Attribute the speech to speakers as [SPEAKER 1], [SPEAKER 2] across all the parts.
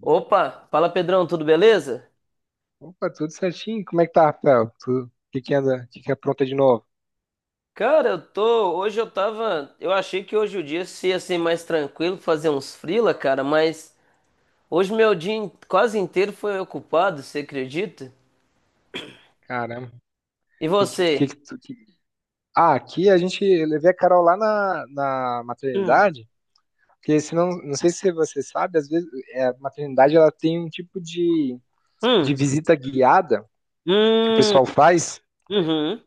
[SPEAKER 1] Opa, fala Pedrão, tudo beleza?
[SPEAKER 2] Opa, tudo certinho? Como é que tá, Rafael? O que que anda? O que que apronta de novo?
[SPEAKER 1] Cara, eu tô, hoje eu tava, eu achei que hoje o dia ia ser mais tranquilo, fazer uns freela, cara, mas hoje meu dia quase inteiro foi ocupado, você acredita?
[SPEAKER 2] Caramba.
[SPEAKER 1] E
[SPEAKER 2] Que, que, que,
[SPEAKER 1] você?
[SPEAKER 2] que, tu- que- Ah, aqui a gente eu levei a Carol lá na
[SPEAKER 1] Hum,
[SPEAKER 2] maternidade, porque senão, não sei se você sabe, às vezes a maternidade ela tem um tipo de
[SPEAKER 1] hum,
[SPEAKER 2] visita guiada que o
[SPEAKER 1] hum,
[SPEAKER 2] pessoal faz.
[SPEAKER 1] uhum.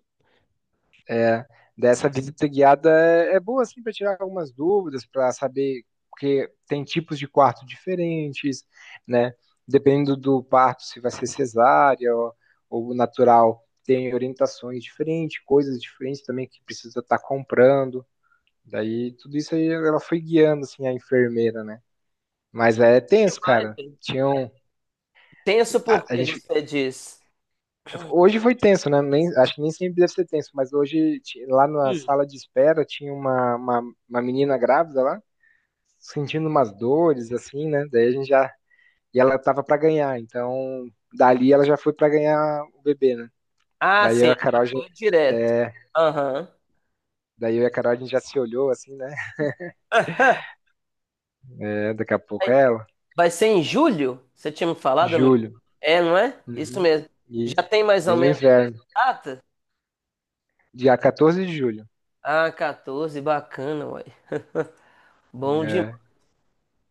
[SPEAKER 2] Dessa visita guiada é boa assim para tirar algumas dúvidas, para saber porque tem tipos de quarto diferentes, né? Dependendo do parto, se vai ser cesárea ou natural, tem orientações diferentes, coisas diferentes também que precisa estar comprando. Daí tudo isso aí ela foi guiando assim a enfermeira, né? Mas é tenso,
[SPEAKER 1] Demais,
[SPEAKER 2] cara.
[SPEAKER 1] velho.
[SPEAKER 2] Tinham
[SPEAKER 1] Tenso por
[SPEAKER 2] a
[SPEAKER 1] que
[SPEAKER 2] gente
[SPEAKER 1] você diz?
[SPEAKER 2] Hoje foi tenso, né? Nem, acho que nem sempre deve ser tenso, mas hoje, lá na
[SPEAKER 1] Hum.
[SPEAKER 2] sala de espera, tinha uma menina grávida lá, sentindo umas dores, assim, né? Daí a gente já. E ela tava pra ganhar, então dali ela já foi pra ganhar o bebê, né?
[SPEAKER 1] Ah,
[SPEAKER 2] Daí eu
[SPEAKER 1] sim,
[SPEAKER 2] e a
[SPEAKER 1] já
[SPEAKER 2] Carol, já-
[SPEAKER 1] foi direto.
[SPEAKER 2] é,
[SPEAKER 1] Aham.
[SPEAKER 2] daí eu e a Carol a gente já se olhou, assim, né?
[SPEAKER 1] Ah,
[SPEAKER 2] É, daqui a pouco
[SPEAKER 1] vai
[SPEAKER 2] é ela.
[SPEAKER 1] vai ser em julho? Você tinha me falado?
[SPEAKER 2] Julho.
[SPEAKER 1] É, não é? Isso
[SPEAKER 2] Uhum.
[SPEAKER 1] mesmo.
[SPEAKER 2] E
[SPEAKER 1] Já tem mais ou
[SPEAKER 2] bem no
[SPEAKER 1] menos
[SPEAKER 2] inverno.
[SPEAKER 1] data?
[SPEAKER 2] Dia 14 de julho.
[SPEAKER 1] Ah, 14, bacana, uai. Bom demais.
[SPEAKER 2] É.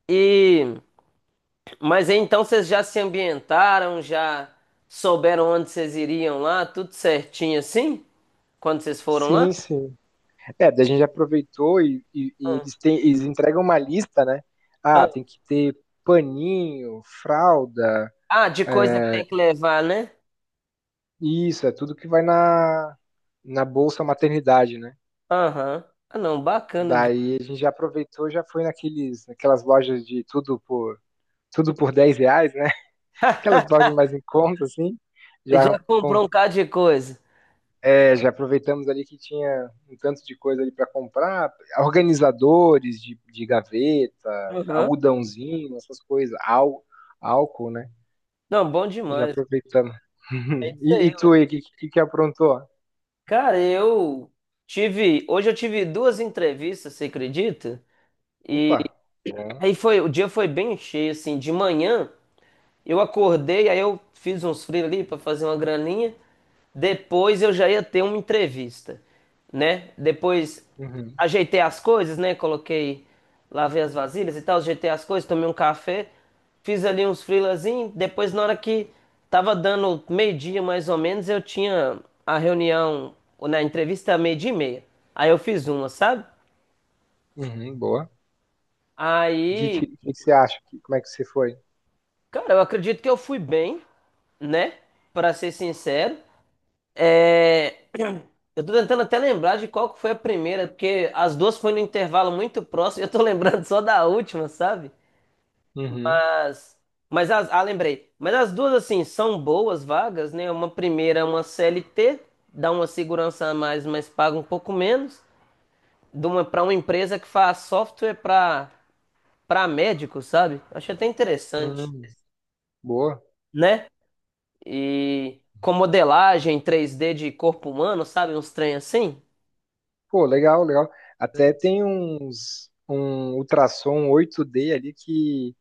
[SPEAKER 1] E, mas aí, então vocês já se ambientaram, já souberam onde vocês iriam lá, tudo certinho assim? Quando vocês foram lá?
[SPEAKER 2] Sim, sim. É, daí a gente aproveitou e
[SPEAKER 1] Ah,
[SPEAKER 2] eles, têm, eles entregam uma lista, né? Ah,
[SPEAKER 1] ah.
[SPEAKER 2] tem que ter paninho, fralda,
[SPEAKER 1] Ah, de coisa que tem
[SPEAKER 2] é,
[SPEAKER 1] que levar, né?
[SPEAKER 2] isso, é tudo que vai na Bolsa Maternidade, né?
[SPEAKER 1] Aham. Ah, não, bacana.
[SPEAKER 2] Daí a gente já aproveitou, já foi naquelas lojas de tudo por R$ 10, né? Aquelas lojas mais em conta, assim, já.
[SPEAKER 1] Já comprou um bocado de coisa.
[SPEAKER 2] É, já aproveitamos ali que tinha um tanto de coisa ali para comprar, organizadores de gaveta,
[SPEAKER 1] Aham.
[SPEAKER 2] algodãozinho, essas coisas, álcool, né?
[SPEAKER 1] Não, bom
[SPEAKER 2] Já
[SPEAKER 1] demais.
[SPEAKER 2] aproveitamos.
[SPEAKER 1] É isso
[SPEAKER 2] E, e
[SPEAKER 1] aí, ué.
[SPEAKER 2] tu aí, o que que aprontou?
[SPEAKER 1] Cara, eu tive. Hoje eu tive duas entrevistas, você acredita? E
[SPEAKER 2] Opa, bom.
[SPEAKER 1] aí foi, o dia foi bem cheio, assim, de manhã. Eu acordei, aí eu fiz uns free ali para fazer uma graninha. Depois eu já ia ter uma entrevista, né? Depois
[SPEAKER 2] Uhum,
[SPEAKER 1] ajeitei as coisas, né? Coloquei, lavei as vasilhas e tal, ajeitei as coisas, tomei um café, fiz ali uns frilazinhos. Depois, na hora que tava dando meio-dia mais ou menos, eu tinha a reunião, ou na entrevista meio-dia e meia. Aí eu fiz uma, sabe?
[SPEAKER 2] uhum, boa. O que,
[SPEAKER 1] Aí,
[SPEAKER 2] que, que você acha? Como é que você foi?
[SPEAKER 1] cara, eu acredito que eu fui bem, né? Para ser sincero. É, eu tô tentando até lembrar de qual que foi a primeira, porque as duas foram no intervalo muito próximo, e eu tô lembrando só da última, sabe?
[SPEAKER 2] Uhum,
[SPEAKER 1] Mas, mas ah, lembrei. Mas as duas, assim, são boas vagas, né? Uma primeira é uma CLT, dá uma segurança a mais, mas paga um pouco menos, de uma para uma empresa que faz software para médicos, sabe? Achei até interessante,
[SPEAKER 2] uhum, boa.
[SPEAKER 1] né? E com modelagem 3D de corpo humano, sabe? Uns trem assim.
[SPEAKER 2] Pô, legal, legal. Até tem uns um ultrassom 8D ali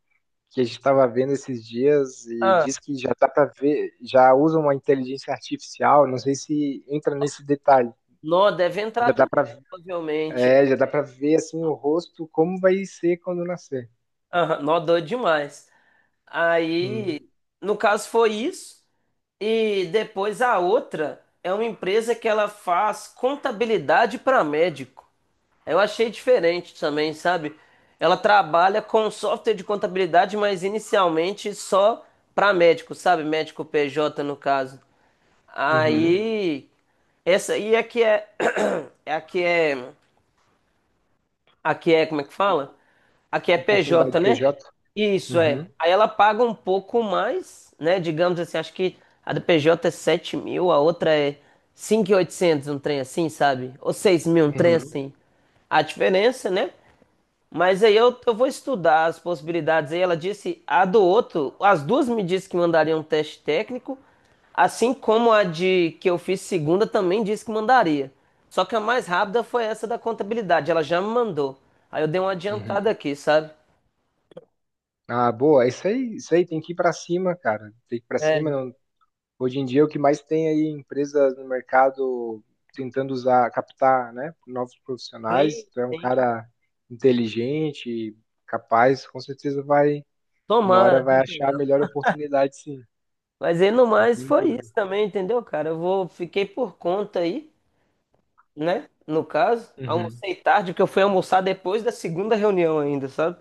[SPEAKER 2] que a gente estava vendo esses dias e diz que já dá para ver, já usa uma inteligência artificial, não sei se entra nesse detalhe.
[SPEAKER 1] Nó deve entrar
[SPEAKER 2] Já dá
[SPEAKER 1] também,
[SPEAKER 2] para
[SPEAKER 1] provavelmente. É.
[SPEAKER 2] É, já dá para ver assim o rosto como vai ser quando nascer.
[SPEAKER 1] Aham, nó doido demais.
[SPEAKER 2] Hum.
[SPEAKER 1] Aí, no caso, foi isso. E depois a outra é uma empresa que ela faz contabilidade para médico. Eu achei diferente também, sabe? Ela trabalha com software de contabilidade, mas inicialmente só para médico, sabe? Médico PJ no caso.
[SPEAKER 2] Uhum.
[SPEAKER 1] Aí, essa aí é que é, é a que é. Aqui é, como é que fala? Aqui é PJ,
[SPEAKER 2] Oportunidade
[SPEAKER 1] né?
[SPEAKER 2] PJ.
[SPEAKER 1] Isso é.
[SPEAKER 2] Uhum.
[SPEAKER 1] Aí ela paga um pouco mais, né? Digamos assim, acho que a do PJ é 7.000, a outra é 5.800 um trem assim, sabe? Ou 6.000, um trem
[SPEAKER 2] Uhum.
[SPEAKER 1] assim. A diferença, né? Mas aí eu vou estudar as possibilidades. Aí ela disse a do outro, as duas me disse que mandaria um teste técnico, assim como a de que eu fiz segunda também disse que mandaria. Só que a mais rápida foi essa da contabilidade, ela já me mandou. Aí eu dei uma
[SPEAKER 2] Uhum.
[SPEAKER 1] adiantada aqui, sabe?
[SPEAKER 2] Ah, boa. É isso aí, isso aí tem que ir para cima, cara. Tem que ir para
[SPEAKER 1] É,
[SPEAKER 2] cima. Não Hoje em dia, o que mais tem aí empresas no mercado tentando usar, captar, né, novos profissionais.
[SPEAKER 1] sim,
[SPEAKER 2] Tu é um
[SPEAKER 1] sim.
[SPEAKER 2] cara inteligente, capaz, com certeza vai, uma hora
[SPEAKER 1] Tomara,
[SPEAKER 2] vai
[SPEAKER 1] viu,
[SPEAKER 2] achar a
[SPEAKER 1] Pedrão?
[SPEAKER 2] melhor oportunidade, sim.
[SPEAKER 1] Mas aí no
[SPEAKER 2] Não
[SPEAKER 1] mais
[SPEAKER 2] tem
[SPEAKER 1] foi isso
[SPEAKER 2] dúvida.
[SPEAKER 1] também, entendeu, cara? Eu vou, fiquei por conta aí, né? No caso,
[SPEAKER 2] Uhum.
[SPEAKER 1] almocei tarde, porque eu fui almoçar depois da segunda reunião ainda, sabe?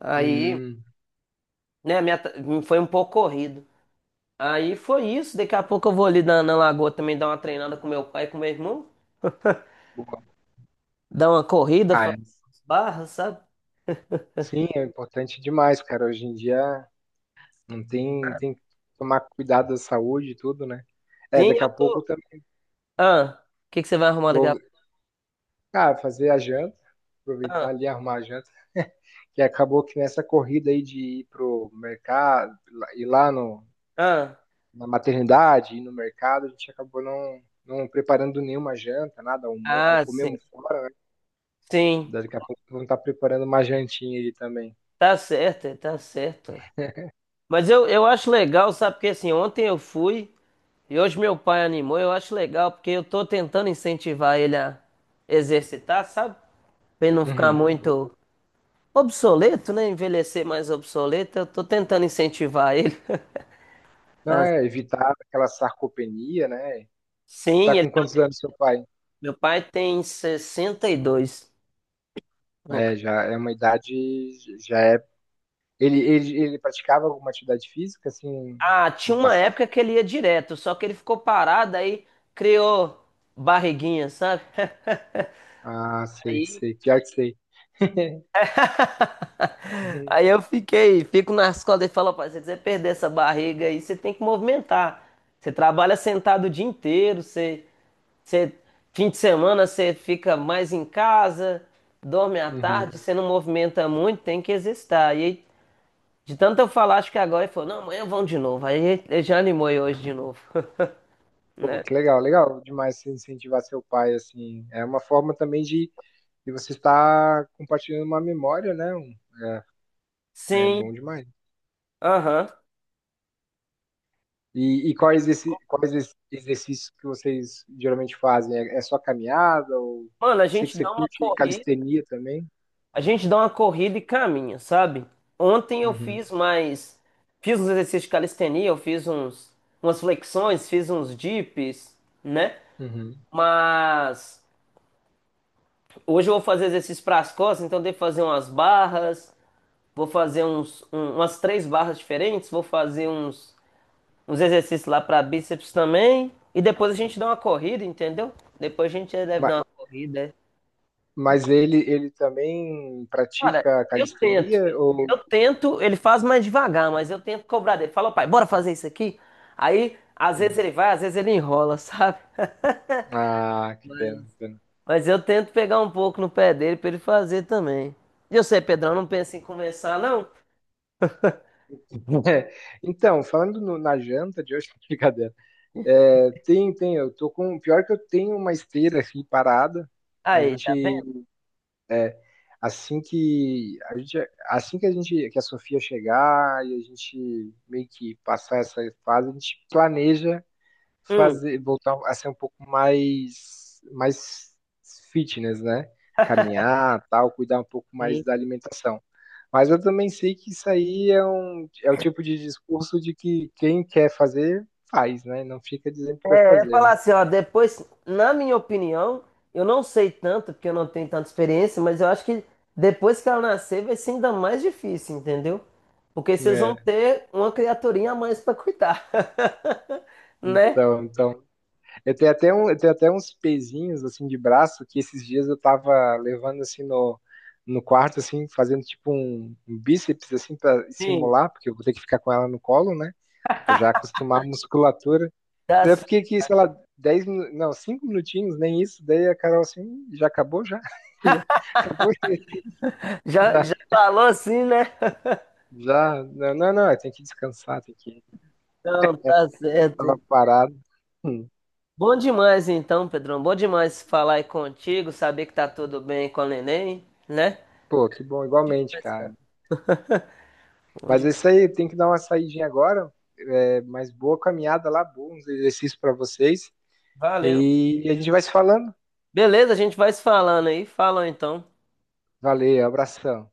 [SPEAKER 1] Aí
[SPEAKER 2] Hum,
[SPEAKER 1] né, foi um pouco corrido. Aí foi isso. Daqui a pouco eu vou ali na lagoa também dar uma treinada com meu pai, e com meu irmão.
[SPEAKER 2] boa.
[SPEAKER 1] Dar uma corrida,
[SPEAKER 2] Ah, é.
[SPEAKER 1] fazer umas barras, sabe?
[SPEAKER 2] Sim, é importante demais, cara. Hoje em dia não tem, tem que tomar cuidado da saúde e tudo, né? É,
[SPEAKER 1] Sim,
[SPEAKER 2] daqui
[SPEAKER 1] eu
[SPEAKER 2] a pouco
[SPEAKER 1] tô.
[SPEAKER 2] eu também
[SPEAKER 1] Ah, o que que você vai arrumar daqui a
[SPEAKER 2] vou,
[SPEAKER 1] pouco?
[SPEAKER 2] cara, fazer a janta,
[SPEAKER 1] Ah,
[SPEAKER 2] aproveitar ali, arrumar a janta. Que acabou que nessa corrida aí de ir pro mercado, ir lá no,
[SPEAKER 1] ah,
[SPEAKER 2] na maternidade, ir no mercado, a gente acabou não preparando nenhuma janta, nada,
[SPEAKER 1] ah, sim.
[SPEAKER 2] comemos fora,
[SPEAKER 1] Sim,
[SPEAKER 2] daqui a pouco vamos estar preparando uma jantinha aí também.
[SPEAKER 1] tá certo, é, tá certo. É. Mas eu acho legal, sabe? Porque assim, ontem eu fui e hoje meu pai animou. Eu acho legal porque eu tô tentando incentivar ele a exercitar, sabe? Pra ele não ficar
[SPEAKER 2] Uhum.
[SPEAKER 1] muito. Obsoleto, né? Envelhecer mais obsoleto, eu tô tentando incentivar ele.
[SPEAKER 2] Não,
[SPEAKER 1] Ah,
[SPEAKER 2] é evitar aquela sarcopenia, né? Tá
[SPEAKER 1] sim,
[SPEAKER 2] com quantos anos seu pai?
[SPEAKER 1] Meu pai tem 62. No ca-
[SPEAKER 2] É, já é uma idade, já é. Ele praticava alguma atividade física, assim,
[SPEAKER 1] Ah, tinha
[SPEAKER 2] no
[SPEAKER 1] uma
[SPEAKER 2] passado?
[SPEAKER 1] época que ele ia direto, só que ele ficou parado aí, criou barriguinha, sabe?
[SPEAKER 2] Ah, sei,
[SPEAKER 1] Aí,
[SPEAKER 2] sei, pior que sei.
[SPEAKER 1] aí eu fiquei, fico na escola e falo, pai, se você quiser perder essa barriga aí, você tem que movimentar. Você trabalha sentado o dia inteiro, Você, fim de semana você fica mais em casa, dorme à tarde,
[SPEAKER 2] Uhum.
[SPEAKER 1] você não movimenta muito, tem que exercitar. E aí, de tanto eu falar, acho que agora ele falou, não, amanhã vão de novo. Aí ele já animou eu hoje de novo,
[SPEAKER 2] Pô,
[SPEAKER 1] né?
[SPEAKER 2] que legal, legal demais você incentivar seu pai, assim. É uma forma também de você estar compartilhando uma memória, né? Um- É
[SPEAKER 1] Sim,
[SPEAKER 2] bom demais.
[SPEAKER 1] aham.
[SPEAKER 2] Quais exercícios que vocês geralmente fazem? É, é só caminhada ou
[SPEAKER 1] Mano, a
[SPEAKER 2] sei que
[SPEAKER 1] gente
[SPEAKER 2] você
[SPEAKER 1] dá uma
[SPEAKER 2] curte
[SPEAKER 1] corrida,
[SPEAKER 2] calistenia também?
[SPEAKER 1] a gente dá uma corrida e caminha, sabe? Ontem eu
[SPEAKER 2] Uhum,
[SPEAKER 1] fiz mais, fiz uns exercícios de calistenia, eu fiz umas flexões, fiz uns dips, né?
[SPEAKER 2] uhum.
[SPEAKER 1] Mas... Hoje eu vou fazer exercício para as costas, então devo fazer umas barras, vou fazer umas três barras diferentes, vou fazer uns exercícios lá para bíceps também. E depois a gente dá uma corrida, entendeu? Depois a gente deve
[SPEAKER 2] Mas,
[SPEAKER 1] dar uma corrida. É.
[SPEAKER 2] mas ele também
[SPEAKER 1] Cara,
[SPEAKER 2] pratica
[SPEAKER 1] eu tento.
[SPEAKER 2] calistenia
[SPEAKER 1] Eu
[SPEAKER 2] ou...
[SPEAKER 1] tento, ele faz mais devagar, mas eu tento cobrar dele. Fala, pai, bora fazer isso aqui? Aí, às vezes
[SPEAKER 2] Hum.
[SPEAKER 1] ele vai, às vezes ele enrola, sabe?
[SPEAKER 2] Ah, que
[SPEAKER 1] Mas,
[SPEAKER 2] pena, que pena.
[SPEAKER 1] mas eu tento pegar um pouco no pé dele para ele fazer também. E eu sei, Pedrão, não pensa em começar, não?
[SPEAKER 2] É, então, falando na janta de hoje, brincadeira. É, eu tô com. Pior que eu tenho uma esteira aqui parada. A
[SPEAKER 1] Aí,
[SPEAKER 2] gente,
[SPEAKER 1] tá vendo?
[SPEAKER 2] assim que a gente, assim que a gente, Que a Sofia chegar e a gente meio que passar essa fase, a gente planeja
[SPEAKER 1] Hum,
[SPEAKER 2] voltar a ser um pouco mais fitness, né? Caminhar, tal, cuidar um pouco mais
[SPEAKER 1] Sim.
[SPEAKER 2] da alimentação. Mas eu também sei que isso aí é o tipo de discurso de que quem quer fazer, faz, né? Não fica dizendo que vai
[SPEAKER 1] Eu ia
[SPEAKER 2] fazer,
[SPEAKER 1] falar
[SPEAKER 2] né?
[SPEAKER 1] assim, ó, depois, na minha opinião, eu não sei tanto, porque eu não tenho tanta experiência, mas eu acho que depois que ela nascer vai ser ainda mais difícil, entendeu? Porque vocês vão
[SPEAKER 2] É.
[SPEAKER 1] ter uma criaturinha a mais pra cuidar, né?
[SPEAKER 2] Então, então, eu tenho até eu tenho até uns pezinhos assim de braço que esses dias eu tava levando assim no quarto assim, fazendo tipo um bíceps assim para
[SPEAKER 1] Sim.
[SPEAKER 2] simular, porque eu vou ter que ficar com ela no colo, né? Pra já acostumar a musculatura.
[SPEAKER 1] Tá
[SPEAKER 2] Daí eu
[SPEAKER 1] c-
[SPEAKER 2] fiquei aqui, sei lá, 10 minu- não, 5 minutinhos, nem isso. Daí a Carol assim, já acabou já. Já acabou
[SPEAKER 1] Já,
[SPEAKER 2] já,
[SPEAKER 1] já falou assim, né?
[SPEAKER 2] já. Não, não, não, tem que descansar, tem que
[SPEAKER 1] Então, tá
[SPEAKER 2] tava
[SPEAKER 1] certo.
[SPEAKER 2] parado. Hum.
[SPEAKER 1] Bom demais, então, Pedrão. Bom demais falar aí contigo, saber que tá tudo bem com a neném, né?
[SPEAKER 2] Pô, que bom, igualmente,
[SPEAKER 1] Demais,
[SPEAKER 2] cara.
[SPEAKER 1] cara. Bom
[SPEAKER 2] Mas
[SPEAKER 1] demais.
[SPEAKER 2] é isso aí, tem que dar uma saidinha agora. É, mas boa caminhada lá, bons exercícios para vocês.
[SPEAKER 1] Valeu.
[SPEAKER 2] E a gente vai se falando.
[SPEAKER 1] Beleza, a gente vai se falando aí. Falou então.
[SPEAKER 2] Valeu, abração.